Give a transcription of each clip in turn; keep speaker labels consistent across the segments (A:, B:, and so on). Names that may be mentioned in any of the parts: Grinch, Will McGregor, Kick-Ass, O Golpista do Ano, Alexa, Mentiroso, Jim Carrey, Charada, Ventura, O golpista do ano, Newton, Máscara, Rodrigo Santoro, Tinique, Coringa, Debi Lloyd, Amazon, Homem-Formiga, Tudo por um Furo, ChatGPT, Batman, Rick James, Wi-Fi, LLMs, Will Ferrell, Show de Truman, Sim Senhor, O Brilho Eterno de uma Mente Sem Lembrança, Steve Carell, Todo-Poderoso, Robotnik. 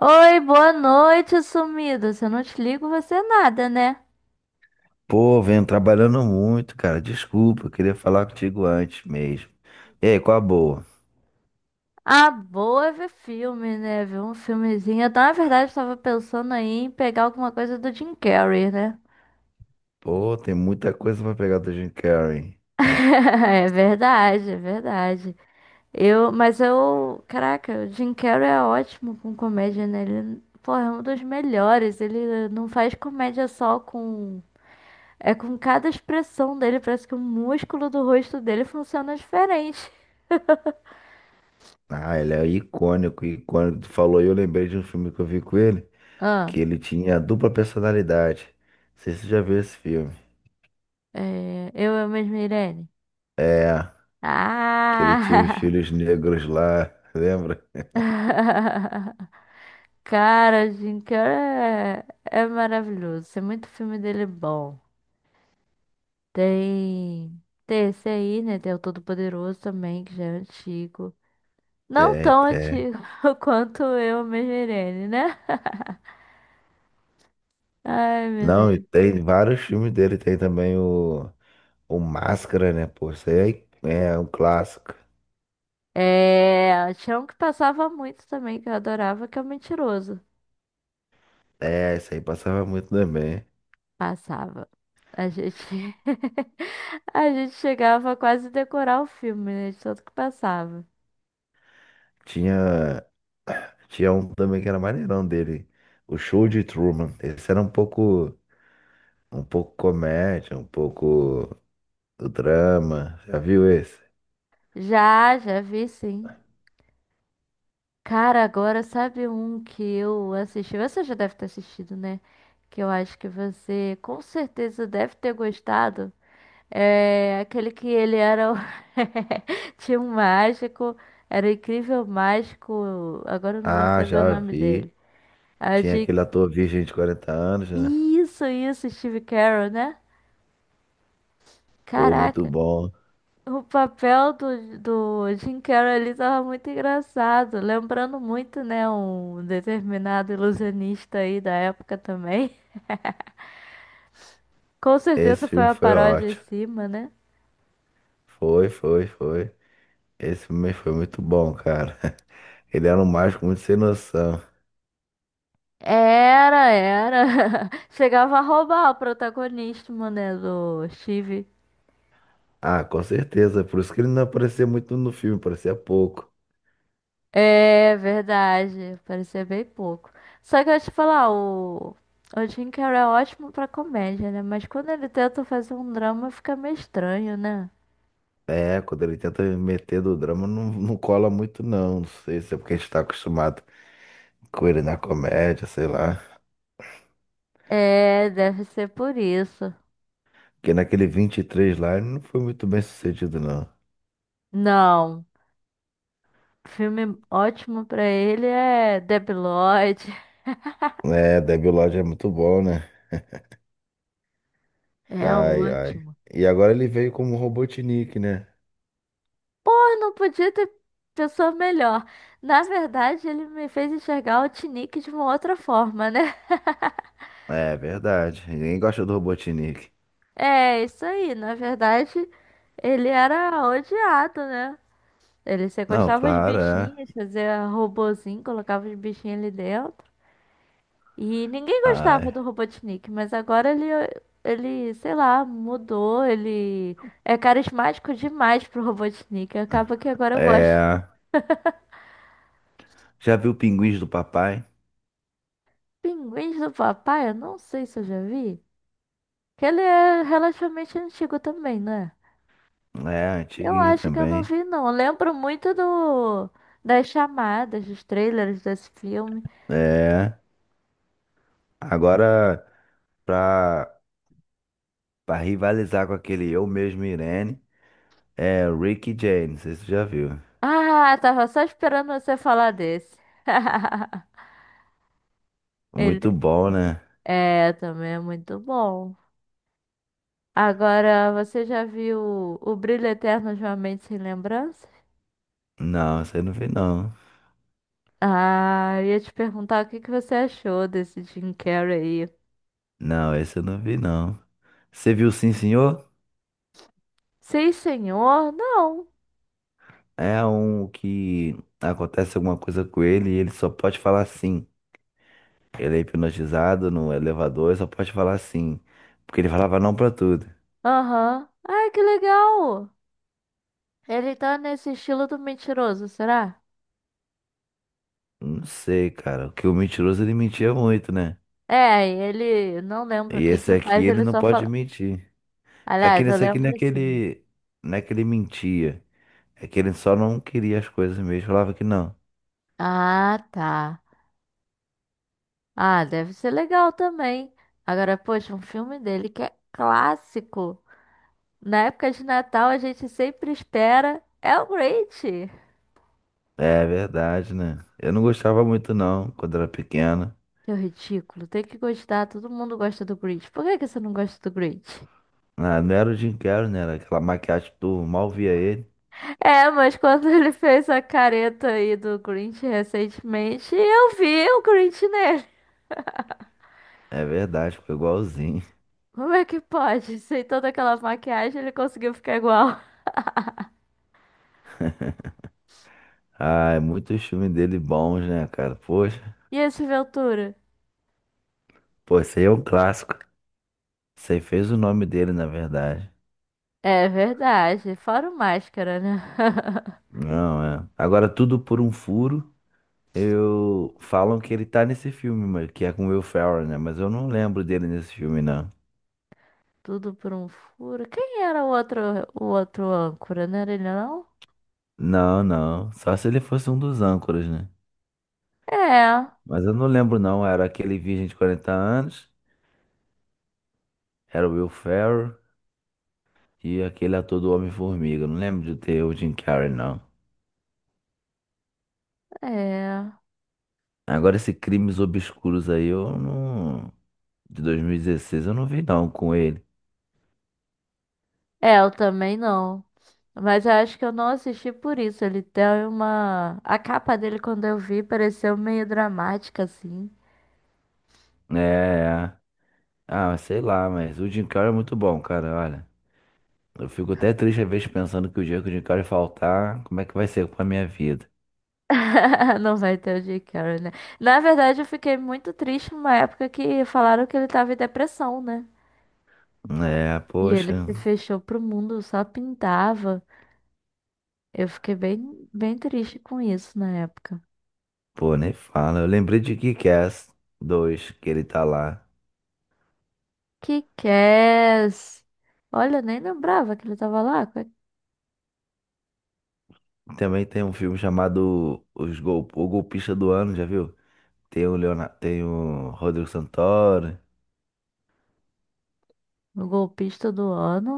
A: Oi, boa noite, sumido. Se eu não te ligo, você é nada, né?
B: Pô, venho trabalhando muito, cara. Desculpa, eu queria falar contigo antes mesmo. E aí, qual a boa?
A: Ah, boa é ver filme, né? Ver um filmezinho. Na verdade, tava pensando aí em pegar alguma coisa do Jim Carrey, né?
B: Pô, tem muita coisa pra pegar do Jim Carrey.
A: É verdade, é verdade. Mas eu, caraca, o Jim Carrey é ótimo com comédia, né? Ele, porra, é um dos melhores. Ele não faz comédia é com cada expressão dele, parece que o músculo do rosto dele funciona diferente.
B: Ah, ele é icônico, icônico. Tu falou e eu lembrei de um filme que eu vi com ele,
A: Ah.
B: que ele tinha dupla personalidade. Não sei se você já viu esse filme.
A: É, eu mesma, Irene.
B: É, que ele tinha os
A: Ah!
B: filhos negros lá, lembra?
A: Cara, Jim Carrey é maravilhoso. Tem muito filme dele bom. Tem, tem esse aí, né? Tem o Todo-Poderoso também, que já é antigo. Não
B: Tem,
A: tão
B: tem.
A: antigo quanto eu mesma, Irene, né? Ai, meu
B: Não, e
A: Deus.
B: tem vários filmes dele. Tem também o Máscara, né? Pô, isso aí é um clássico.
A: É, tinha um que passava muito também, que eu adorava, que é o Mentiroso.
B: É, isso aí passava muito também.
A: Passava. A gente, a gente chegava a quase decorar o filme, né? De tanto que passava.
B: Tinha, tinha um também que era maneirão dele, o Show de Truman. Esse era um pouco comédia, um pouco do drama. Já viu esse?
A: Já vi, sim. Cara, agora sabe um que eu assisti? Você já deve ter assistido, né? Que eu acho que você com certeza deve ter gostado. É aquele que ele era. O- Tinha um mágico, era o incrível mágico. Agora eu não vou
B: Ah,
A: saber o
B: já
A: nome dele.
B: vi.
A: A
B: Tinha
A: gente...
B: aquele ator virgem de 40 anos, né?
A: Isso, Steve Carell, né?
B: Pô, muito
A: Caraca.
B: bom.
A: O papel do Jim Carrey ali tava muito engraçado, lembrando muito, né, um determinado ilusionista aí da época também. Com
B: Esse
A: certeza foi
B: filme
A: uma
B: foi
A: paródia em
B: ótimo.
A: cima, né?
B: Foi, foi, foi. Esse filme foi muito bom, cara. Ele era um mágico muito sem noção.
A: Era, era. Chegava a roubar o protagonismo, né, do Steve.
B: Ah, com certeza. Por isso que ele não aparecia muito no filme, aparecia pouco.
A: É verdade, parecia bem pouco. Só que eu ia te falar, o Jim Carrey é ótimo pra comédia, né? Mas quando ele tenta fazer um drama fica meio estranho, né?
B: É, quando ele tenta meter do drama, não, não cola muito, não. Não sei se é porque a gente tá acostumado com ele na comédia, sei lá.
A: É, deve ser por isso.
B: Porque naquele vinte e três lá, ele não foi muito bem sucedido, não.
A: Não, filme ótimo pra ele é Debi Lloyd.
B: É, Debilóide é muito bom, né?
A: É
B: Ai, ai.
A: ótimo.
B: E agora ele veio como Robotnik, né?
A: Pô, não podia ter pessoa melhor. Na verdade, ele me fez enxergar o Tinique de uma outra forma, né?
B: É, verdade. Ninguém gosta do Robotnik.
A: É, isso aí. Na verdade, ele era odiado, né? Ele
B: Não,
A: sequestava os
B: claro, é.
A: bichinhos, fazia robozinho, colocava os bichinhos ali dentro. E ninguém gostava
B: Ai.
A: do Robotnik, mas agora ele, sei lá, mudou, ele é carismático demais pro Robotnik. Acaba que agora eu gosto.
B: É. Já viu Pinguins do Papai?
A: Pinguins do Papai, eu não sei se eu já vi. Que ele é relativamente antigo também, né?
B: É,
A: Eu
B: antiguinho
A: acho que eu não
B: também.
A: vi, não. Eu lembro muito do das chamadas, dos trailers desse filme.
B: É. Agora, pra. Pra rivalizar com aquele Eu Mesmo Irene, é Rick James, se você já viu.
A: Ah, tava só esperando você falar desse.
B: Muito
A: Ele
B: bom, né?
A: é também é muito bom. Agora, você já viu O Brilho Eterno de uma Mente Sem Lembrança?
B: Não, você não viu não.
A: Ah, eu ia te perguntar o que que você achou desse Jim Carrey aí.
B: Não, esse eu não vi não. Você viu Sim Senhor?
A: Sim, senhor? Não.
B: É um que acontece alguma coisa com ele e ele só pode falar sim. Ele é hipnotizado no elevador e só pode falar sim. Porque ele falava não pra tudo.
A: Aham. Ai, que legal. Ele tá nesse estilo do mentiroso, será?
B: Não sei, cara. Porque o mentiroso ele mentia muito, né?
A: É, ele não lembra o
B: E
A: que
B: esse
A: que
B: aqui
A: faz,
B: ele
A: ele
B: não
A: só
B: pode
A: fala.
B: mentir. É que
A: Aliás, eu
B: nesse aqui não é
A: lembro
B: que
A: sim.
B: ele, não é que ele mentia. É que ele só não queria as coisas mesmo, falava que não.
A: Ah, tá. Ah, deve ser legal também. Agora, poxa, um filme dele que é clássico. Na época de Natal, a gente sempre espera. É o Grinch!
B: É verdade, né? Eu não gostava muito não, quando era pequena.
A: É ridículo, tem que gostar. Todo mundo gosta do Grinch. Por que que você não gosta do Grinch?
B: Ah, não era o Jim Carrey, né? Era aquela maquiagem que tu mal via ele.
A: É, mas quando ele fez a careta aí do Grinch recentemente, eu vi o Grinch nele.
B: É verdade, ficou igualzinho.
A: Como é que pode? Sem toda aquela maquiagem, ele conseguiu ficar igual.
B: Ah, é muitos filmes dele bons, né, cara? Poxa,
A: E esse Ventura?
B: pô, esse aí é um clássico. Esse aí fez o nome dele, na verdade.
A: É verdade, fora o máscara, né?
B: Não, é. Agora, Tudo por um Furo, eu... Falam que ele tá nesse filme, mas que é com o Will Ferrell, né? Mas eu não lembro dele nesse filme, não.
A: Tudo por um furo. Quem era o outro âncora? Não era ele, não?
B: Não, não. Só se ele fosse um dos âncoras, né?
A: É,
B: Mas eu não lembro, não. Era aquele virgem de 40 anos, era o Will Ferrell e aquele ator do Homem-Formiga. Eu Não lembro de ter o Jim Carrey, não.
A: é.
B: Agora, esse Crimes Obscuros aí, eu não. De 2016, eu não vi, não, com ele.
A: É, eu também não. Mas eu acho que eu não assisti por isso. Ele tem uma. A capa dele, quando eu vi, pareceu meio dramática, assim.
B: É, é. Ah, sei lá, mas o Jim Carrey é muito bom, cara, olha. Eu fico até triste às vezes pensando que o dia que o Jim Carrey faltar, como é que vai ser com a minha vida?
A: Não vai ter o Jim Carrey, né? Na verdade, eu fiquei muito triste numa época que falaram que ele tava em depressão, né?
B: É,
A: E ele
B: poxa.
A: se fechou pro mundo, só pintava. Eu fiquei bem triste com isso na época.
B: Pô, nem fala. Eu lembrei de Kick-Ass dois que ele tá lá.
A: Que Kick-Ass! Olha, eu nem lembrava que ele tava lá. Qual é-
B: Também tem um filme chamado O Golpista do Ano, já viu? Tem o Rodrigo Santoro.
A: O golpista do ano?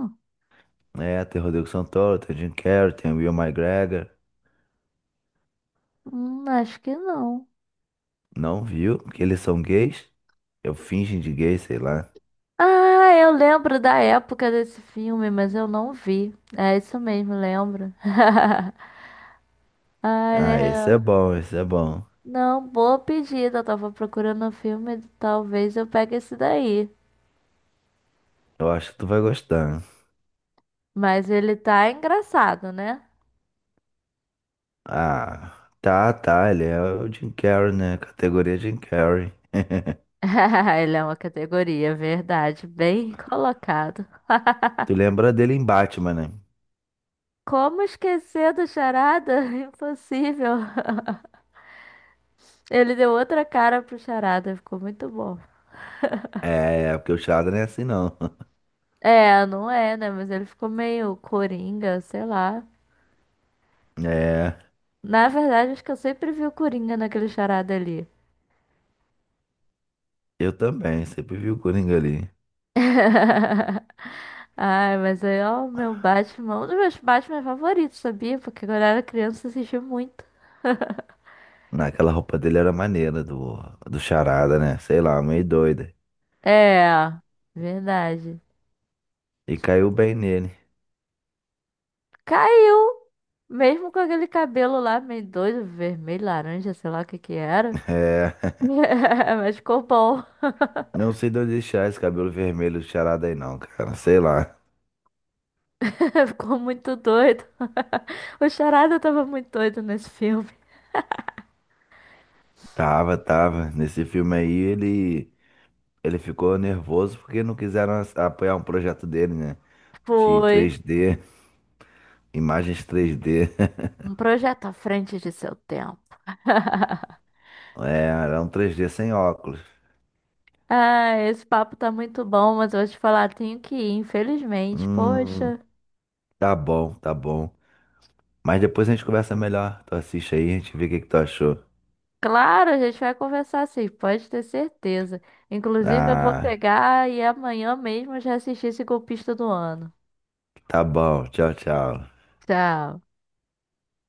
B: É, tem o Rodrigo Santoro, tem o Jim Carrey, tem o Will McGregor.
A: Acho que não.
B: Não viu? Porque eles são gays? Eu fingem de gay, sei lá.
A: Ah, eu lembro da época desse filme, mas eu não vi. É isso mesmo, lembro. Ai,
B: Ah, esse é
A: né?
B: bom, esse é bom.
A: Não, boa pedida. Eu tava procurando um filme, talvez eu pegue esse daí.
B: Eu acho que tu vai gostar.
A: Mas ele tá engraçado, né?
B: Ah, tá, tá. Ele é o Jim Carrey, né? Categoria Jim Carrey.
A: Ele é uma categoria, verdade. Bem colocado.
B: Tu lembra dele em Batman, né?
A: Como esquecer do Charada? Impossível. Ele deu outra cara pro Charada, ficou muito bom.
B: É, porque o charada não é assim não.
A: É, não é, né? Mas ele ficou meio coringa, sei lá.
B: É,
A: Na verdade, acho que eu sempre vi o Coringa naquele charada ali.
B: eu também, sempre vi o Coringa ali.
A: Ai, mas aí, ó, o meu Batman, um dos meus Batman favoritos, sabia? Porque quando eu era criança eu assistia muito.
B: Naquela roupa dele era maneira, do, do charada, né? Sei lá, meio doida.
A: É, verdade.
B: E caiu bem nele.
A: Caiu! Mesmo com aquele cabelo lá meio doido, vermelho, laranja, sei lá o que que era.
B: É,
A: Mas ficou bom.
B: não sei de onde deixar esse cabelo vermelho do charada aí não, cara. Sei lá.
A: Ficou muito doido. O Charada tava muito doido nesse filme.
B: Tava, tava. Nesse filme aí ele ficou nervoso porque não quiseram apoiar um projeto dele, né? De
A: Foi
B: três d imagens três d
A: um projeto à frente de seu tempo.
B: É, era um três d sem óculos.
A: Ah, esse papo tá muito bom, mas eu vou te falar, tenho que ir, infelizmente.
B: Hum.
A: Poxa.
B: Tá bom, tá bom. Mas depois a gente conversa melhor. Tu assiste aí, a gente vê o que que tu achou.
A: Claro, a gente vai conversar sim, pode ter certeza. Inclusive, eu vou
B: Ah,
A: pegar e amanhã mesmo eu já assistir esse golpista do ano.
B: tá bom. Tchau, tchau.
A: Tchau.